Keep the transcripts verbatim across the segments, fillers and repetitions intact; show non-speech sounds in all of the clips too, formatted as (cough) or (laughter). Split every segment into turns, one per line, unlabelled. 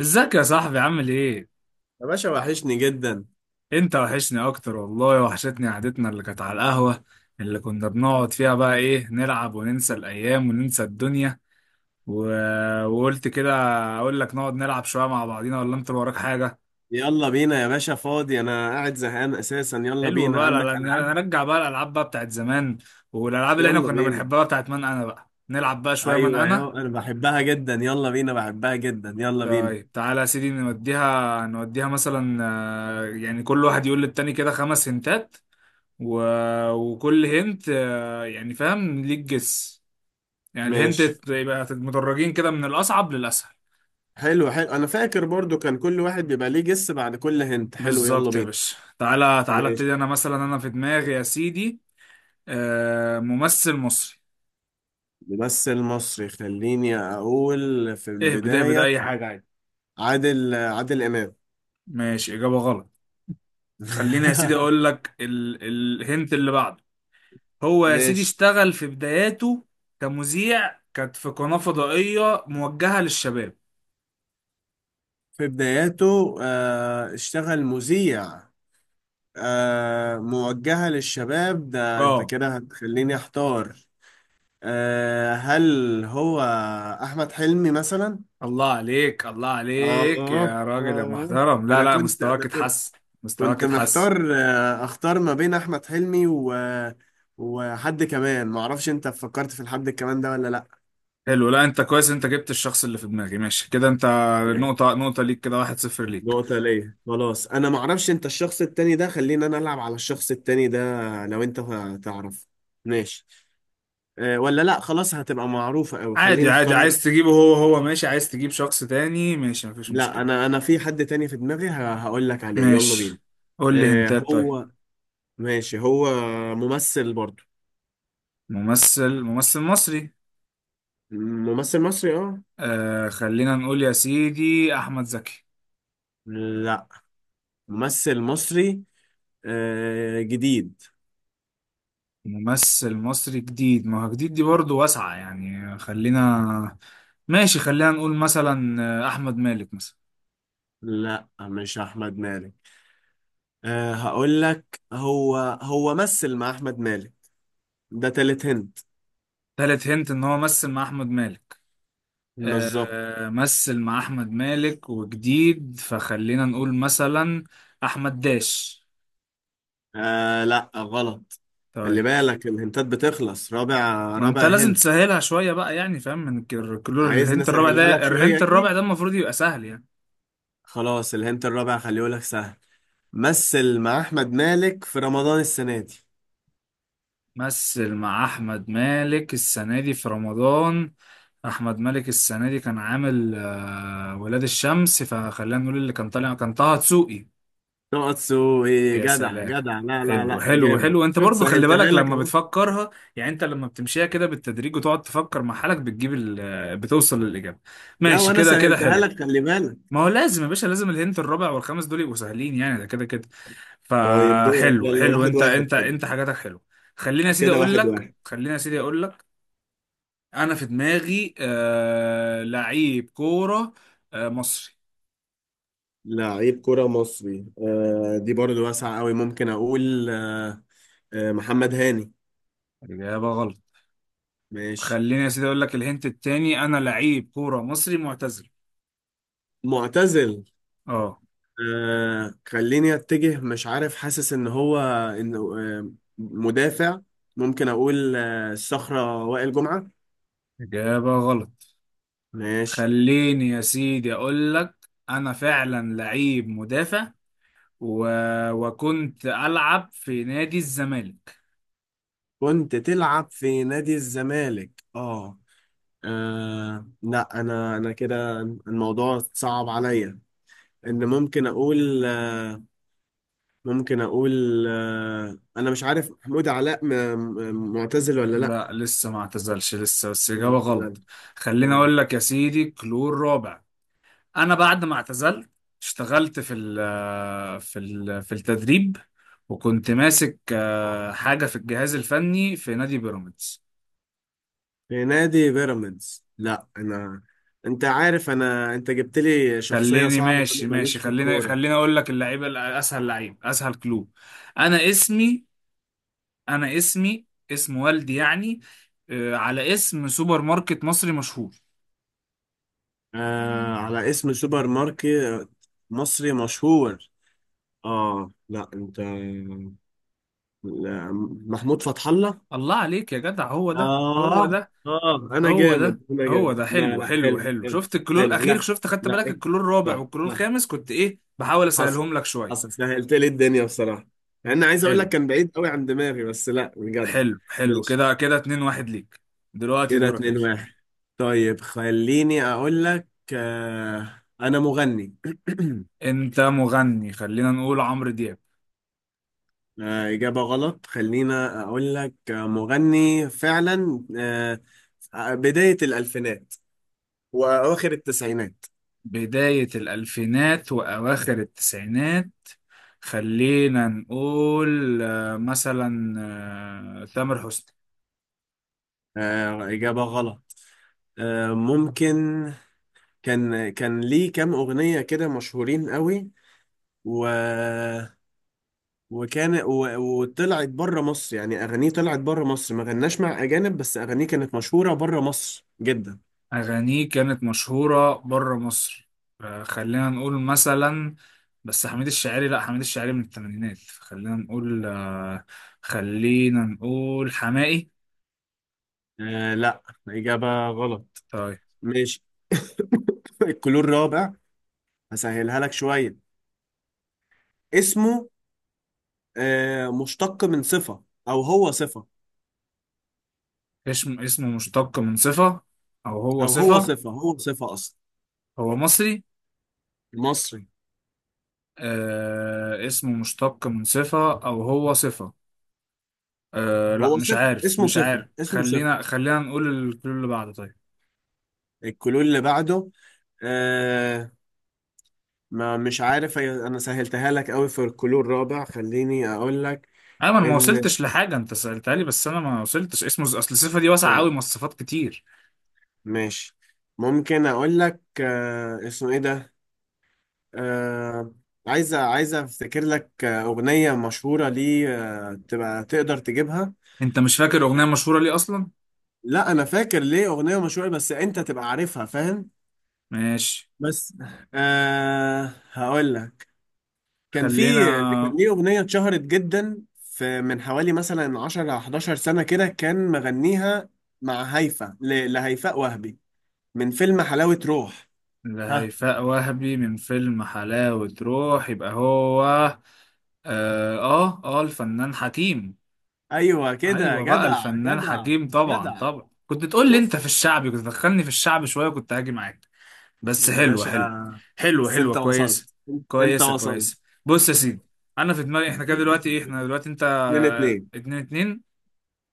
ازيك يا صاحبي عامل ايه؟
يا باشا، وحشني جدا.
انت وحشني اكتر والله وحشتني قعدتنا اللي كانت على القهوة اللي كنا بنقعد فيها بقى ايه نلعب وننسى الايام وننسى الدنيا و... وقلت كده اقول لك نقعد نلعب شوية مع بعضينا ولا انت اللي وراك حاجة؟
يلا بينا يا باشا، فاضي، انا قاعد زهقان اساسا. يلا
حلو
بينا،
بقى لا-
عندك
لا،
العاب؟
نرجع بقى الالعاب بقى بتاعت زمان والالعاب اللي احنا
يلا
كنا
بينا.
بنحبها بتاعت من انا بقى نلعب بقى شوية من
ايوه يا،
انا.
انا بحبها جدا، يلا بينا، بحبها جدا، يلا بينا.
طيب تعالى يا سيدي نوديها نوديها مثلا، آه، يعني كل واحد يقول للتاني كده خمس هنتات. و... وكل هنت آه، يعني فاهم ليك جس، يعني الهنت
ماشي.
يبقى مدرجين كده من الأصعب للأسهل.
حلو حلو، انا فاكر برضو كان كل واحد بيبقى ليه جس بعد كل هنت. حلو، يلا
بالظبط يا
بينا.
باشا، تعالى تعالى
ماشي.
ابتدي. أنا مثلا أنا في دماغي يا سيدي آه، ممثل مصري.
ممثل مصري، خليني اقول في
اهبد اهبد
البداية.
أي حاجة عادي.
عادل عادل امام.
ماشي، إجابة غلط. خليني يا سيدي
(laughs)
أقول لك ال... الهنت اللي بعده. هو يا سيدي
ماشي.
اشتغل في بداياته كمذيع، كانت في قناة فضائية موجهة للشباب.
في بداياته آه، اشتغل مذيع. آه موجهة للشباب؟ ده انت
اه.
كده هتخليني احتار. آه هل هو احمد حلمي مثلا؟
الله عليك الله
آه.
عليك يا راجل يا
آه
محترم، لا
أنا
لا،
كنت أنا
مستواك
كنت
اتحسن، مستواك
كنت
اتحسن.
محتار، آه، أختار ما بين أحمد حلمي و... وحد كمان، معرفش أنت فكرت في الحد كمان ده ولا لأ.
حلو، لا انت كويس، انت جبت الشخص اللي في دماغي، ماشي كده انت.
تمام.
نقطة نقطة ليك، كده واحد صفر ليك.
نقطة ليا. خلاص، أنا معرفش أنت الشخص التاني ده، خلينا أنا ألعب على الشخص التاني ده. لو أنت تعرف. ماشي. أه ولا لأ، خلاص هتبقى معروفة أوي،
عادي
خليني
عادي،
أختار.
عايز تجيبه هو هو ماشي، عايز تجيب شخص تاني ماشي، مفيش
لا،
مشكلة.
انا انا في حد تاني في دماغي، ه- هقول لك عليه. يلا بينا.
ماشي، قول لي
آه
هنتات. طيب،
هو. ماشي. هو ممثل برضو.
ممثل ممثل مصري.
ممثل مصري، اه.
آه خلينا نقول يا سيدي أحمد زكي.
لا، ممثل مصري آه، جديد.
ممثل مصري جديد، ما هو جديد دي برضه واسعة يعني. خلينا ماشي، خلينا نقول مثلا آه، أحمد مالك مثلا.
لا مش احمد مالك. آه هقول لك، هو هو مثل مع احمد مالك. ده تالت هنت.
تالت هنت إن هو مثل مع أحمد مالك.
بالظبط.
أه، مثل مع أحمد مالك وجديد، فخلينا نقول مثلا أحمد داش.
آه لا غلط. خلي
طيب،
بالك، الهنتات بتخلص. رابع.
ما أنت
رابع
لازم
هنت.
تسهلها شوية بقى يعني، فاهم، من الك- كل
عايز
الهنت الرابع
نسهلها لك
ده،
شوية
الهنت الرابع
يعني.
ده المفروض يبقى سهل يعني.
خلاص الهنت الرابع خليه لك سهل. مثل مع احمد مالك في رمضان السنه دي.
مثل مع أحمد مالك السنة دي في رمضان. احمد مالك السنه دي كان عامل آه، ولاد الشمس، فخلينا نقول اللي كان طالع كان طه دسوقي.
نقطسو ايه؟
يا
جدع
سلام.
جدع. لا لا
حلو
لا،
حلو
جامد،
حلو، انت
شفت
برضو خلي
سهلتها
بالك
لك
لما
اهو.
بتفكرها، يعني انت لما بتمشيها كده بالتدريج وتقعد تفكر مع حالك بتجيب ال- آه، بتوصل للاجابه.
لا
ماشي
وانا
كده كده
سهلتها
حلو.
لك، خلي بالك.
ما هو لازم يا باشا، لازم الهنت الرابع والخامس دول يبقوا سهلين يعني ده كده كده.
طيب دورك،
فحلو
يلا
حلو،
واحد
انت
واحد
انت
كده،
انت حاجاتك حلو. خليني يا سيدي
كده
اقول
واحد
لك
واحد.
خليني يا سيدي اقول لك انا في دماغي آه لعيب كوره، آه مصري.
لعيب كرة مصري، آه، دي برضو واسعة قوي. ممكن أقول آه، آه محمد هاني.
اجابه غلط.
ماشي.
خليني يا سيدي اقول لك الهنت التاني، انا لعيب كوره مصري معتزل.
معتزل.
اه.
آه خليني أتجه، مش عارف، حاسس إن هو إنه آه مدافع. ممكن أقول آه الصخرة وائل جمعة.
اجابه غلط.
ماشي.
خليني يا سيدي اقول لك انا فعلا لعيب مدافع، و... وكنت العب في نادي الزمالك.
كنت تلعب في نادي الزمالك، اه. آه، لا، انا انا كده الموضوع صعب عليا. ان ممكن اقول، ممكن اقول آه، انا مش عارف محمود علاء م- م- معتزل ولا لا.
لا لسه ما اعتزلش لسه، بس اجابه
معتزل.
غلط. خليني
غلط.
اقول لك يا سيدي كلور رابع. انا بعد ما اعتزلت اشتغلت في ال في ال في التدريب، وكنت ماسك آه، حاجه في الجهاز الفني في نادي بيراميدز.
في نادي بيراميدز. لا انا، انت عارف، انا انت جبت لي شخصية
خليني
صعبة
ماشي
وانا
ماشي
ماليش في
خلينا
الكورة.
خلينا اقول لك اللعيبه ال- اسهل لعيب اسهل كلوب. انا اسمي انا اسمي اسم والدي يعني، آه، على اسم سوبر ماركت مصري مشهور.
آه على اسم سوبر ماركت مصري مشهور. اه لا انت، لا، محمود فتح الله.
الله عليك يا جدع، هو ده هو
اه.
ده،
اه، انا
هو ده
جامد انا
هو
جامد.
ده.
لا
حلو
لا،
حلو
حلو
حلو،
حلو
شفت الكلور
حلو.
الاخير،
لا
شفت خدت
لا
بالك
إيه.
الكلور الرابع
صح
والكلور
صح.
الخامس كنت ايه بحاول
حصل.
اسهلهم لك شويه.
حصل، سهلت لي الدنيا بصراحه، مع اني عايز اقول
حلو
لك كان بعيد قوي عن دماغي، بس لا بجد.
حلو حلو،
ماشي
كده كده اتنين واحد ليك. دلوقتي
كده
دورك يا
اتنين
باشا.
واحد. طيب خليني اقول لك آه، انا مغني. (clears throat)
انت مغني، خلينا نقول عمرو دياب.
آه اجابه غلط. خلينا اقول لك آه، مغني فعلا، آه آه، بدايه الالفينات وأواخر التسعينات.
بدايه الالفينات واواخر التسعينات، خلينا نقول آه، مثلا آه، تامر حسني.
آه إجابة غلط. آه ممكن، كان كان ليه كام أغنية كده مشهورين قوي، و وكان و... وطلعت بره مصر، يعني أغانيه طلعت بره مصر، ما غناش مع أجانب، بس أغانيه كانت مشهورة بره مصر جدا.
أغانيه كانت مشهورة بره مصر، آه، خلينا نقول مثلا بس حميد الشاعري، لا حميد الشاعري من الثمانينات. خلينا نقول آه، خلينا نقول حماقي.
آه لا، إجابة غلط.
طيب،
ماشي. (laughs) الكلور الرابع، هسهلها لك شوية. اسمه آه مشتق من صفة أو هو صفة.
اسم اسمه مشتق من صفة أو هو
أو هو
صفة.
صفة، هو صفة أصلا.
هو مصري.
مصري.
آه اسمه مشتق من صفة أو هو صفة. آه لا
هو
مش
صفر،
عارف
اسمه
مش
صفر،
عارف،
اسمه صفر.
خلينا خلينا نقول الكل اللي بعده. طيب
الكلور اللي بعده. آه، ما مش عارف هي- انا سهلتها لك قوي في الكلور الرابع. خليني اقول لك
أيمن، ما
ان.
وصلتش لحاجة، أنت سألتها لي بس أنا ما وصلتش، اسمه أصل صفة دي واسعة أوي
طيب.
مواصفات كتير.
ماشي. ممكن اقول لك آه اسمه ايه ده، آه عايزه عايزه افتكر لك آه، اغنيه مشهوره ليه، آه تبقى تقدر تجيبها.
انت مش فاكر اغنيه مشهوره ليه اصلا؟
لا انا فاكر ليه اغنيه مشهوره، بس انت تبقى عارفها، فاهم؟
ماشي
بس آه هقول لك، كان في
خلينا.
كان ليه أغنية اتشهرت جدا في، من حوالي مثلا عشر أو إحداشر سنة كده، كان مغنيها مع هيفا، ل- لهيفاء وهبي، من فيلم حلاوة روح. ها.
لهيفاء وهبي من فيلم حلاوه روح، يبقى هو اه. اه، آه، الفنان حكيم.
أيوة كده
ايوه بقى
جدع
الفنان
جدع
حكيم، طبعا
جدع.
طبعا كنت تقول لي انت
شفت
في الشعبي، كنت تدخلني في الشعب شويه كنت هاجي معاك. بس
يا
حلوه
باشا؟
حلوه، حلوه
بس
حلوه
أنت
كويسه،
وصلت، أنت
كويسه
وصلت.
كويسه. بص يا سيدي، انا في دماغي احنا كده دلوقتي ايه، احنا دلوقتي انت
اتنين
آه،
اتنين.
اتنين اتنين.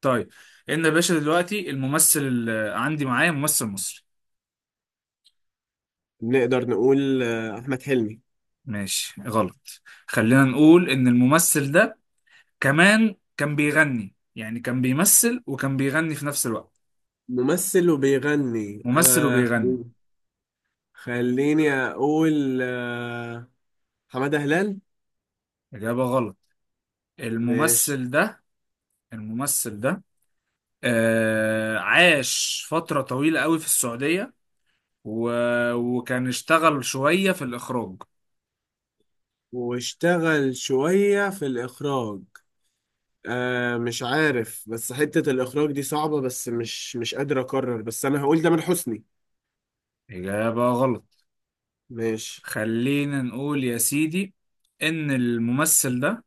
طيب ان يا باشا، دلوقتي الممثل اللي عندي معايا ممثل مصري.
نقدر نقول آه، أحمد حلمي.
ماشي غلط. خلينا نقول ان الممثل ده كمان كان بيغني، يعني كان بيمثل وكان بيغني في نفس الوقت.
ممثل وبيغني،
ممثل
آه
وبيغني.
خليني أقول آه، حمادة هلال.
اجابة غلط.
ماشي،
الممثل ده الممثل ده آه عاش فترة طويلة قوي في السعودية، و... وكان اشتغل شوية في الإخراج.
واشتغل شوية في الإخراج. آه مش عارف، بس حتة الإخراج دي صعبة، بس مش مش قادر أقرر، بس أنا هقول ده من حسني.
إجابة غلط.
ماشي.
خلينا نقول يا سيدي إن الممثل ده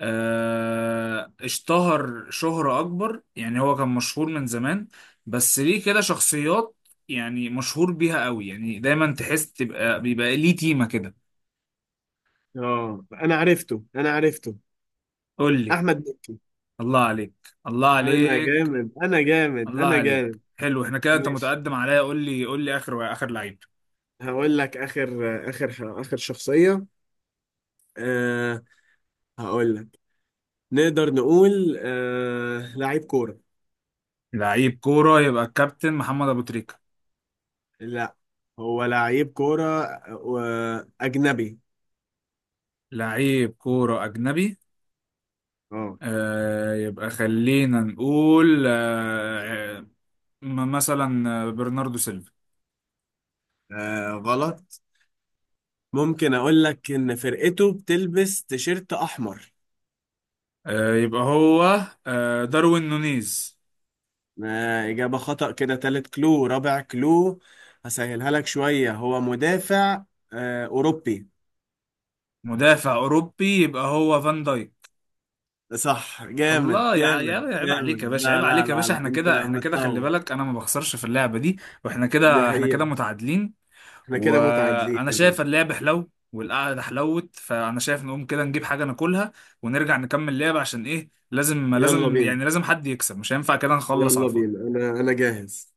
آه، اشتهر شهرة أكبر، يعني هو كان مشهور من زمان بس ليه كده شخصيات يعني مشهور بيها قوي، يعني دايما تحس تبقى بيبقى ليه تيمة كده.
اه أنا عرفته أنا عرفته،
قول لي.
أحمد مكي.
الله عليك، الله
أنا
عليك،
جامد أنا جامد
الله
أنا
عليك،
جامد.
حلو. احنا كده انت
ماشي.
متقدم عليا، قول لي قول لي اخر اخر لعيب.
هقول لك آخر آخر آخر شخصية آه. هقول لك، نقدر نقول آه لعيب كورة.
لعيب كورة، يبقى الكابتن محمد ابو تريكة.
لا، هو لعيب كورة آه، أجنبي.
لعيب كورة اجنبي
اه.
آه، يبقى خلينا نقول آه آه، مثلا آه، برناردو سيلفا.
آه غلط. ممكن اقول لك ان فرقته بتلبس تيشيرت احمر.
آه، يبقى هو آه، داروين نونيز.
آه، اجابة خطأ. كده تالت كلو رابع كلو، هسهلها لك شوية. هو مدافع آه، اوروبي.
مدافع اوروبي، يبقى هو فان دايك.
صح. جامد
الله يا
جامد
يا عيب عليك يا
جامد.
باشا، عيب
لا لا
عليك يا
لا
باشا،
لا،
احنا
انت
كده احنا كده، خلي
متطور.
بالك انا ما بخسرش في اللعبه دي. واحنا
دي
كده احنا كده
حقيقة.
متعادلين.
احنا كده متعادلين
وانا
يا
شايف
باشا.
اللعب حلو والقعده حلوت، فانا شايف نقوم كده نجيب حاجه ناكلها ونرجع نكمل لعب، عشان ايه لازم
يلا
لازم
بينا.
يعني لازم حد يكسب، مش هينفع كده نخلص على
يلا بينا،
الفاضي.
انا انا جاهز.